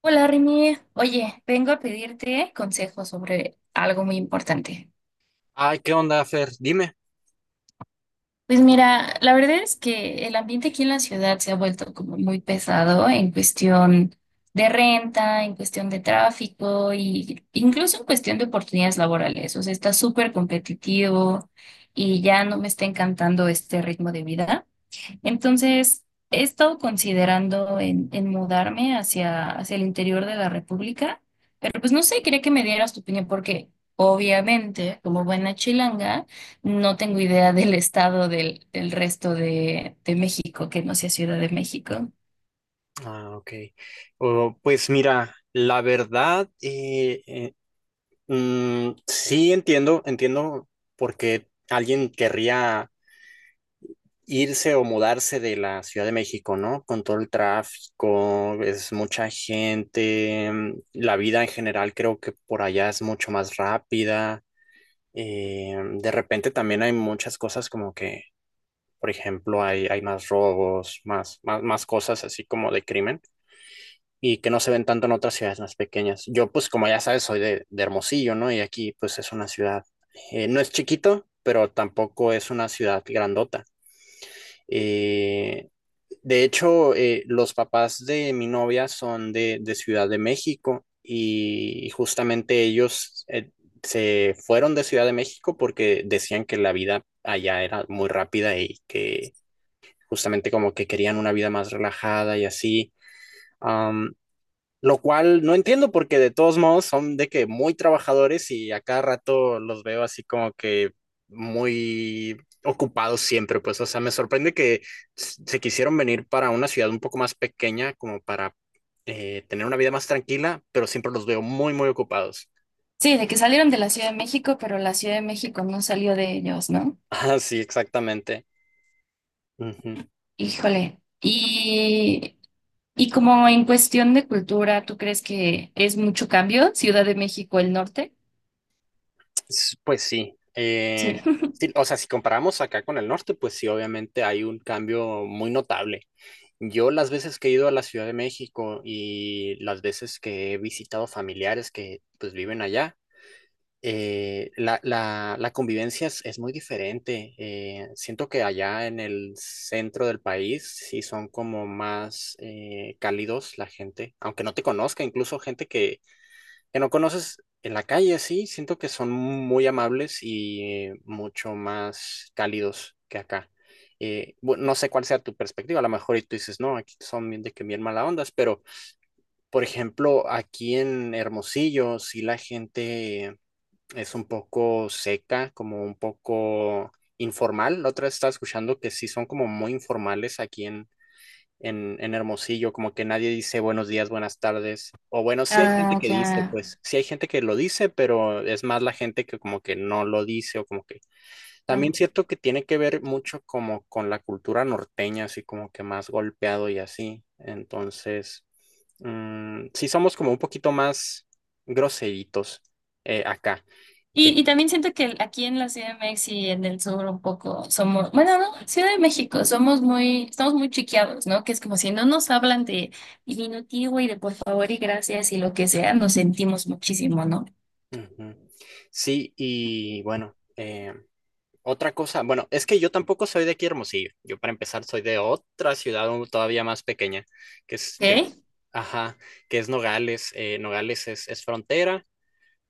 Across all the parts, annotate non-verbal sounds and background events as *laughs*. Hola Rini, oye, vengo a pedirte consejos sobre algo muy importante. Ay, ¿qué onda, Fer? Dime. Pues mira, la verdad es que el ambiente aquí en la ciudad se ha vuelto como muy pesado en cuestión de renta, en cuestión de tráfico y incluso en cuestión de oportunidades laborales. O sea, está súper competitivo y ya no me está encantando este ritmo de vida. Entonces, he estado considerando en mudarme hacia el interior de la República, pero pues no sé, quería que me dieras tu opinión porque obviamente, como buena chilanga, no tengo idea del estado del resto de México, que no sea Ciudad de México. Ah, ok. Oh, pues mira, la verdad, sí entiendo por qué alguien querría irse o mudarse de la Ciudad de México, ¿no? Con todo el tráfico, es mucha gente, la vida en general creo que por allá es mucho más rápida. Eh, de repente también hay muchas cosas como que, por ejemplo, hay más robos, más cosas así como de crimen. Y que no se ven tanto en otras ciudades más pequeñas. Yo, pues, como ya sabes, soy de Hermosillo, ¿no? Y aquí, pues, es una ciudad, no es chiquito, pero tampoco es una ciudad grandota. Eh, de hecho, los papás de mi novia son de Ciudad de México y justamente ellos se fueron de Ciudad de México porque decían que la vida allá era muy rápida y que justamente como que querían una vida más relajada y así. Um, lo cual no entiendo porque de todos modos son de que muy trabajadores y a cada rato los veo así como que muy ocupados siempre, pues, o sea, me sorprende que se quisieron venir para una ciudad un poco más pequeña, como para tener una vida más tranquila, pero siempre los veo muy, muy ocupados. Sí, de que salieron de la Ciudad de México, pero la Ciudad de México no salió de ellos, ¿no? *laughs* Ah, sí, exactamente. Ujú. Híjole. Y como en cuestión de cultura, ¿tú crees que es mucho cambio Ciudad de México el norte? Pues sí, Sí. sí, o sea, si comparamos acá con el norte, pues sí, obviamente hay un cambio muy notable. Yo las veces que he ido a la Ciudad de México y las veces que he visitado familiares que pues viven allá, la convivencia es muy diferente. Siento que allá en el centro del país sí son como más cálidos la gente, aunque no te conozca, incluso gente que no conoces en la calle, sí, siento que son muy amables y mucho más cálidos que acá. Bueno, no sé cuál sea tu perspectiva, a lo mejor y tú dices, no, aquí son bien de que bien mala ondas, pero por ejemplo, aquí en Hermosillo, sí la gente es un poco seca, como un poco informal. La otra vez estaba escuchando que sí son como muy informales aquí en Hermosillo, como que nadie dice buenos días, buenas tardes, o bueno, sí hay gente Ah, que ya. dice, pues sí hay gente que lo dice, pero es más la gente que como que no lo dice o como que también Claro. cierto que tiene que ver mucho como con la cultura norteña, así como que más golpeado y así, entonces, sí somos como un poquito más groseritos acá. Eh, Y también siento que aquí en la Ciudad de México y en el sur un poco somos, bueno, no, Ciudad de México, somos muy, estamos muy chiqueados, ¿no? Que es como si no nos hablan de diminutivo y de por favor y gracias y lo que sea, nos sentimos muchísimo, ¿no? Ujú. Sí, y bueno, otra cosa, bueno, es que yo tampoco soy de aquí Hermosillo. Yo para empezar soy de otra ciudad todavía más pequeña, que ¿Ok? es que, ajá, que es Nogales. Nogales es frontera.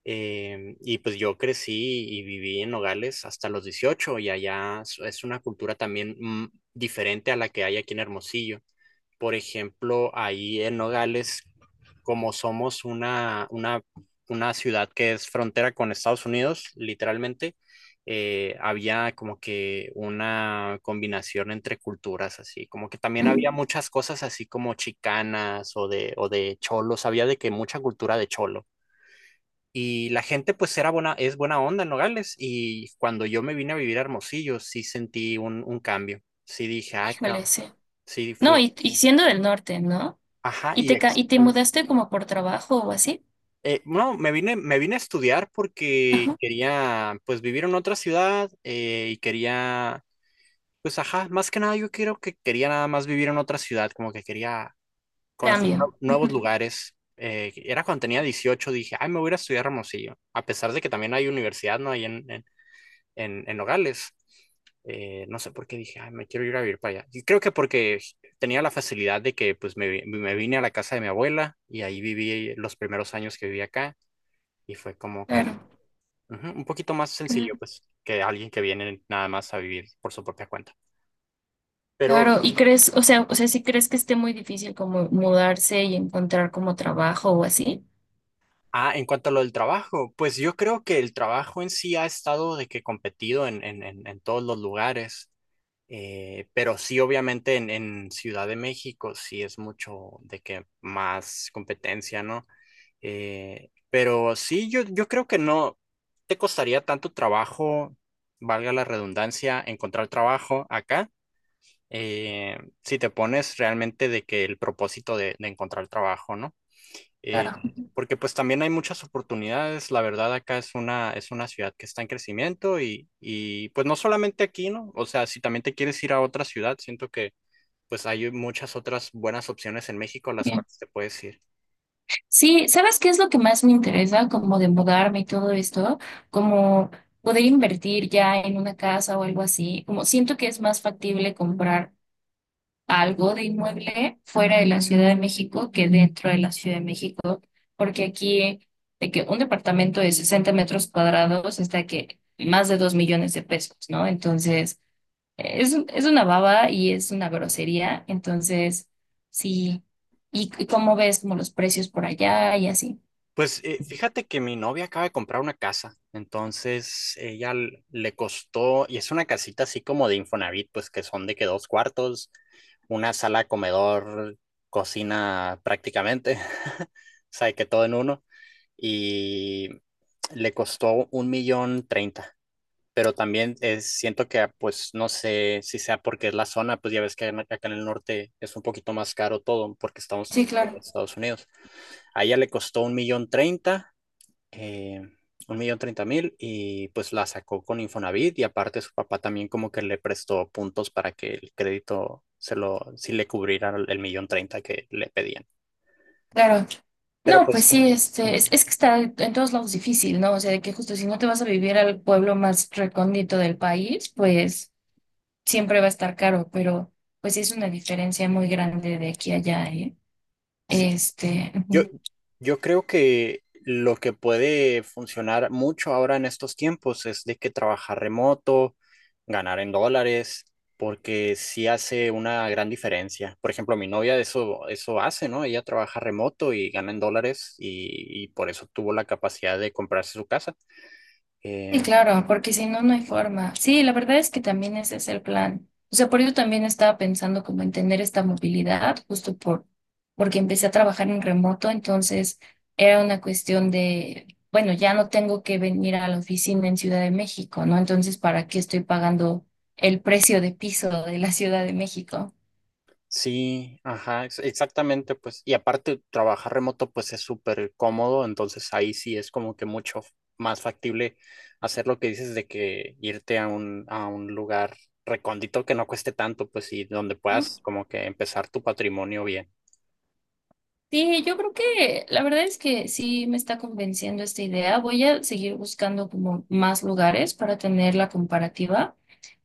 Y pues yo crecí y viví en Nogales hasta los 18 y allá es una cultura también diferente a la que hay aquí en Hermosillo. Por ejemplo, ahí en Nogales, como somos una ciudad que es frontera con Estados Unidos, literalmente, había como que una combinación entre culturas, así, como que también había Mm. muchas cosas así como chicanas o de cholos, había de que mucha cultura de cholo. Y la gente pues era buena, es buena onda en Nogales y cuando yo me vine a vivir a Hermosillo sí sentí un cambio, sí dije, ay, Híjole, cabrón", sí. sí No, fue, y siendo del norte, ¿no? ajá, Y y te, y te exactamente. mudaste como por trabajo o así. No, me vine a estudiar porque Ajá. quería, pues, vivir en otra ciudad y quería, pues, ajá, más que nada yo creo que quería nada más vivir en otra ciudad, como que quería conocer Cambio. Nuevos Ujú. lugares. Era cuando tenía 18 dije, ay, me voy a ir a estudiar a Hermosillo, a pesar de que también hay universidad, ¿no? Ahí en Nogales. No sé por qué dije, ay, me quiero ir a vivir para allá. Y creo que porque tenía la facilidad de que, pues, me vine a la casa de mi abuela y ahí viví los primeros años que viví acá. Y fue como que Claro. ujú, un poquito más sencillo, pues, que alguien que viene nada más a vivir por su propia cuenta. Pero, Claro, y crees, o sea, si crees que esté muy difícil como mudarse y encontrar como trabajo o así. En cuanto a lo del trabajo, pues yo creo que el trabajo en sí ha estado de que competido en todos los lugares. Pero sí, obviamente en Ciudad de México sí es mucho de que más competencia, ¿no? Pero sí, yo creo que no te costaría tanto trabajo, valga la redundancia, encontrar trabajo acá eh, si te pones realmente de que el propósito de encontrar trabajo, ¿no? Eh, Claro. Porque pues también hay muchas oportunidades, la verdad acá es una ciudad que está en crecimiento y pues no solamente aquí, ¿no? O sea, si también te quieres ir a otra ciudad, siento que pues hay muchas otras buenas opciones en México a las Bien. cuales te puedes ir. Sí, ¿sabes qué es lo que más me interesa como de mudarme y todo esto? Como poder invertir ya en una casa o algo así. Como siento que es más factible comprar algo de inmueble fuera de la Ciudad de México que dentro de la Ciudad de México, porque aquí de que un departamento de 60 metros cuadrados está que más de 2 millones de pesos, ¿no? Entonces, es, es una baba y es una grosería, entonces, sí. Y cómo ves como los precios por allá y así? Pues fíjate que mi novia acaba de comprar una casa, entonces ella le costó, y es una casita así como de Infonavit, pues que son de que dos cuartos, una sala, comedor, cocina prácticamente, *laughs* o sea, de que todo en uno, y le costó un millón treinta, pero también es, siento que pues no sé si sea porque es la zona, pues ya ves que acá en el norte es un poquito más caro todo porque Sí, estamos en claro, Estados Unidos. A ella le costó un millón treinta eh, 1,030,000 y pues la sacó con Infonavit y aparte su papá también como que le prestó puntos para que el crédito se lo, sí le cubriera el millón treinta que le pedían. claro. Pero No, pues pues sí, este, es que está en todos lados difícil, ¿no? O sea, de que justo si no te vas a vivir al pueblo más recóndito del país, pues siempre va a estar caro, pero pues sí es una diferencia muy grande de aquí a allá, ¿eh? sí. Este, Yo, ujú. yo creo que lo que puede funcionar mucho ahora en estos tiempos es de que trabajar remoto, ganar en dólares, porque sí hace una gran diferencia. Por ejemplo, mi novia eso hace, ¿no? Ella trabaja remoto y gana en dólares y por eso tuvo la capacidad de comprarse su casa. Sí, Eh, claro, porque si no, no hay forma. Sí, la verdad es que también ese es el plan. O sea, por ello también estaba pensando como en tener esta movilidad, justo por, porque empecé a trabajar en remoto, entonces era una cuestión de, bueno, ya no tengo que venir a la oficina en Ciudad de México, ¿no? Entonces, ¿para qué estoy pagando el precio de piso de la Ciudad de México? Sí, ajá, exactamente, pues, y aparte trabajar remoto pues es súper cómodo, entonces ahí sí es como que mucho más factible hacer lo que dices de que irte a un lugar recóndito que no cueste tanto, pues, y donde puedas como que empezar tu patrimonio bien. Sí, yo creo que la verdad es que sí me está convenciendo esta idea. Voy a seguir buscando como más lugares para tener la comparativa,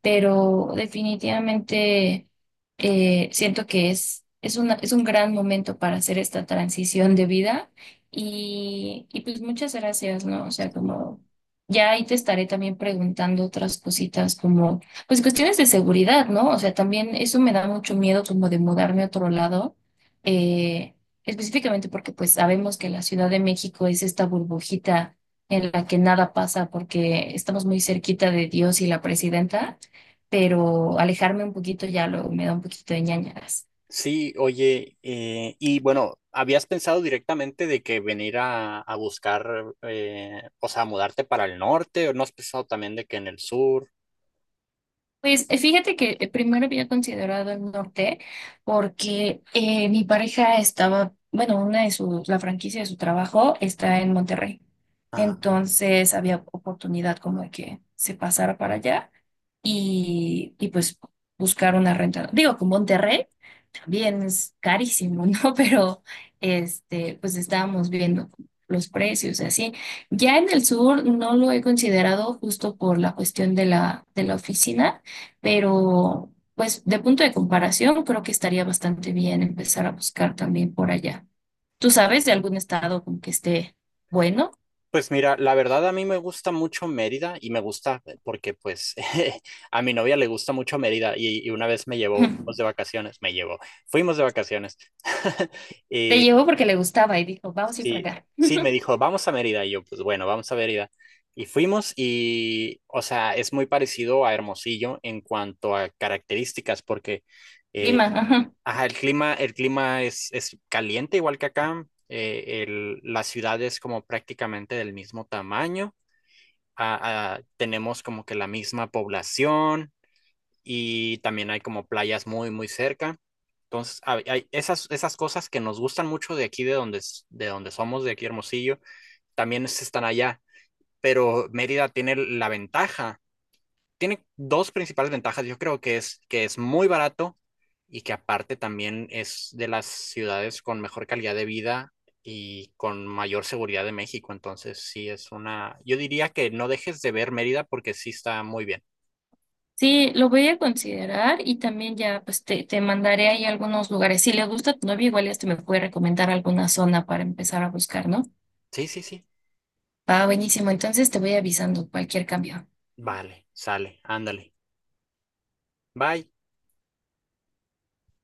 pero definitivamente siento que es una, es un gran momento para hacer esta transición de vida y pues muchas gracias, ¿no? O sea, Sí, como ya ahí te estaré también preguntando otras cositas como, pues cuestiones de seguridad, ¿no? O sea, también eso me da mucho miedo como de mudarme a otro lado. Eh, Específicamente porque pues sabemos que la Ciudad de México es esta burbujita en la que nada pasa porque estamos muy cerquita de Dios y la presidenta, pero alejarme un poquito ya luego me da un poquito de ñañaras. sí, oye, y bueno, ¿habías pensado directamente de que venir a buscar, o sea, mudarte para el norte, o no has pensado también de que en el sur? Pues fíjate que primero había considerado el norte porque mi pareja estaba, bueno, una de sus, la franquicia de su trabajo está en Monterrey. Entonces había oportunidad como de que se pasara para allá y pues buscar una renta. Digo, con Monterrey bien, es carísimo, ¿no? *laughs* Pero este, pues estábamos viendo los precios así. Ya en el sur no lo he considerado justo por la cuestión de la oficina, pero pues de punto de comparación creo que estaría bastante bien empezar a buscar también por allá. ¿Tú sabes de algún estado con que esté bueno? Pues mira, la verdad a mí me gusta mucho Mérida y me gusta porque pues *laughs* a mi novia le gusta mucho Mérida y una vez me llevó, fuimos de *laughs* vacaciones, me llevó, fuimos de vacaciones. *laughs* Te Y llevó porque le gustaba y dijo, vamos a ir para sí, acá. sí, me dijo, vamos a Mérida y yo pues bueno, vamos a Mérida. Y fuimos y, o sea, es muy parecido a Hermosillo en cuanto a características porque eh, Lima, ajá. ajá, el clima es caliente igual que acá. La ciudad es como prácticamente del mismo tamaño tenemos como que la misma población y también hay como playas muy, muy cerca. Entonces, hay esas cosas que nos gustan mucho de aquí, de donde somos, de aquí Hermosillo, también están allá. Pero Mérida tiene dos principales ventajas. Yo creo que es muy barato y que aparte también es de las ciudades con mejor calidad de vida y con mayor seguridad de México. Entonces, sí es una, yo diría que no dejes de ver Mérida porque sí está muy bien. Sí, lo voy a considerar y también ya pues te mandaré ahí algunos lugares. Si le gusta a tu novio, igual este me puede recomendar alguna zona para empezar a buscar, ¿no? Sí, sí, sí. Ah, buenísimo. Entonces te voy avisando cualquier cambio. Vale, sale, ándale. Bye.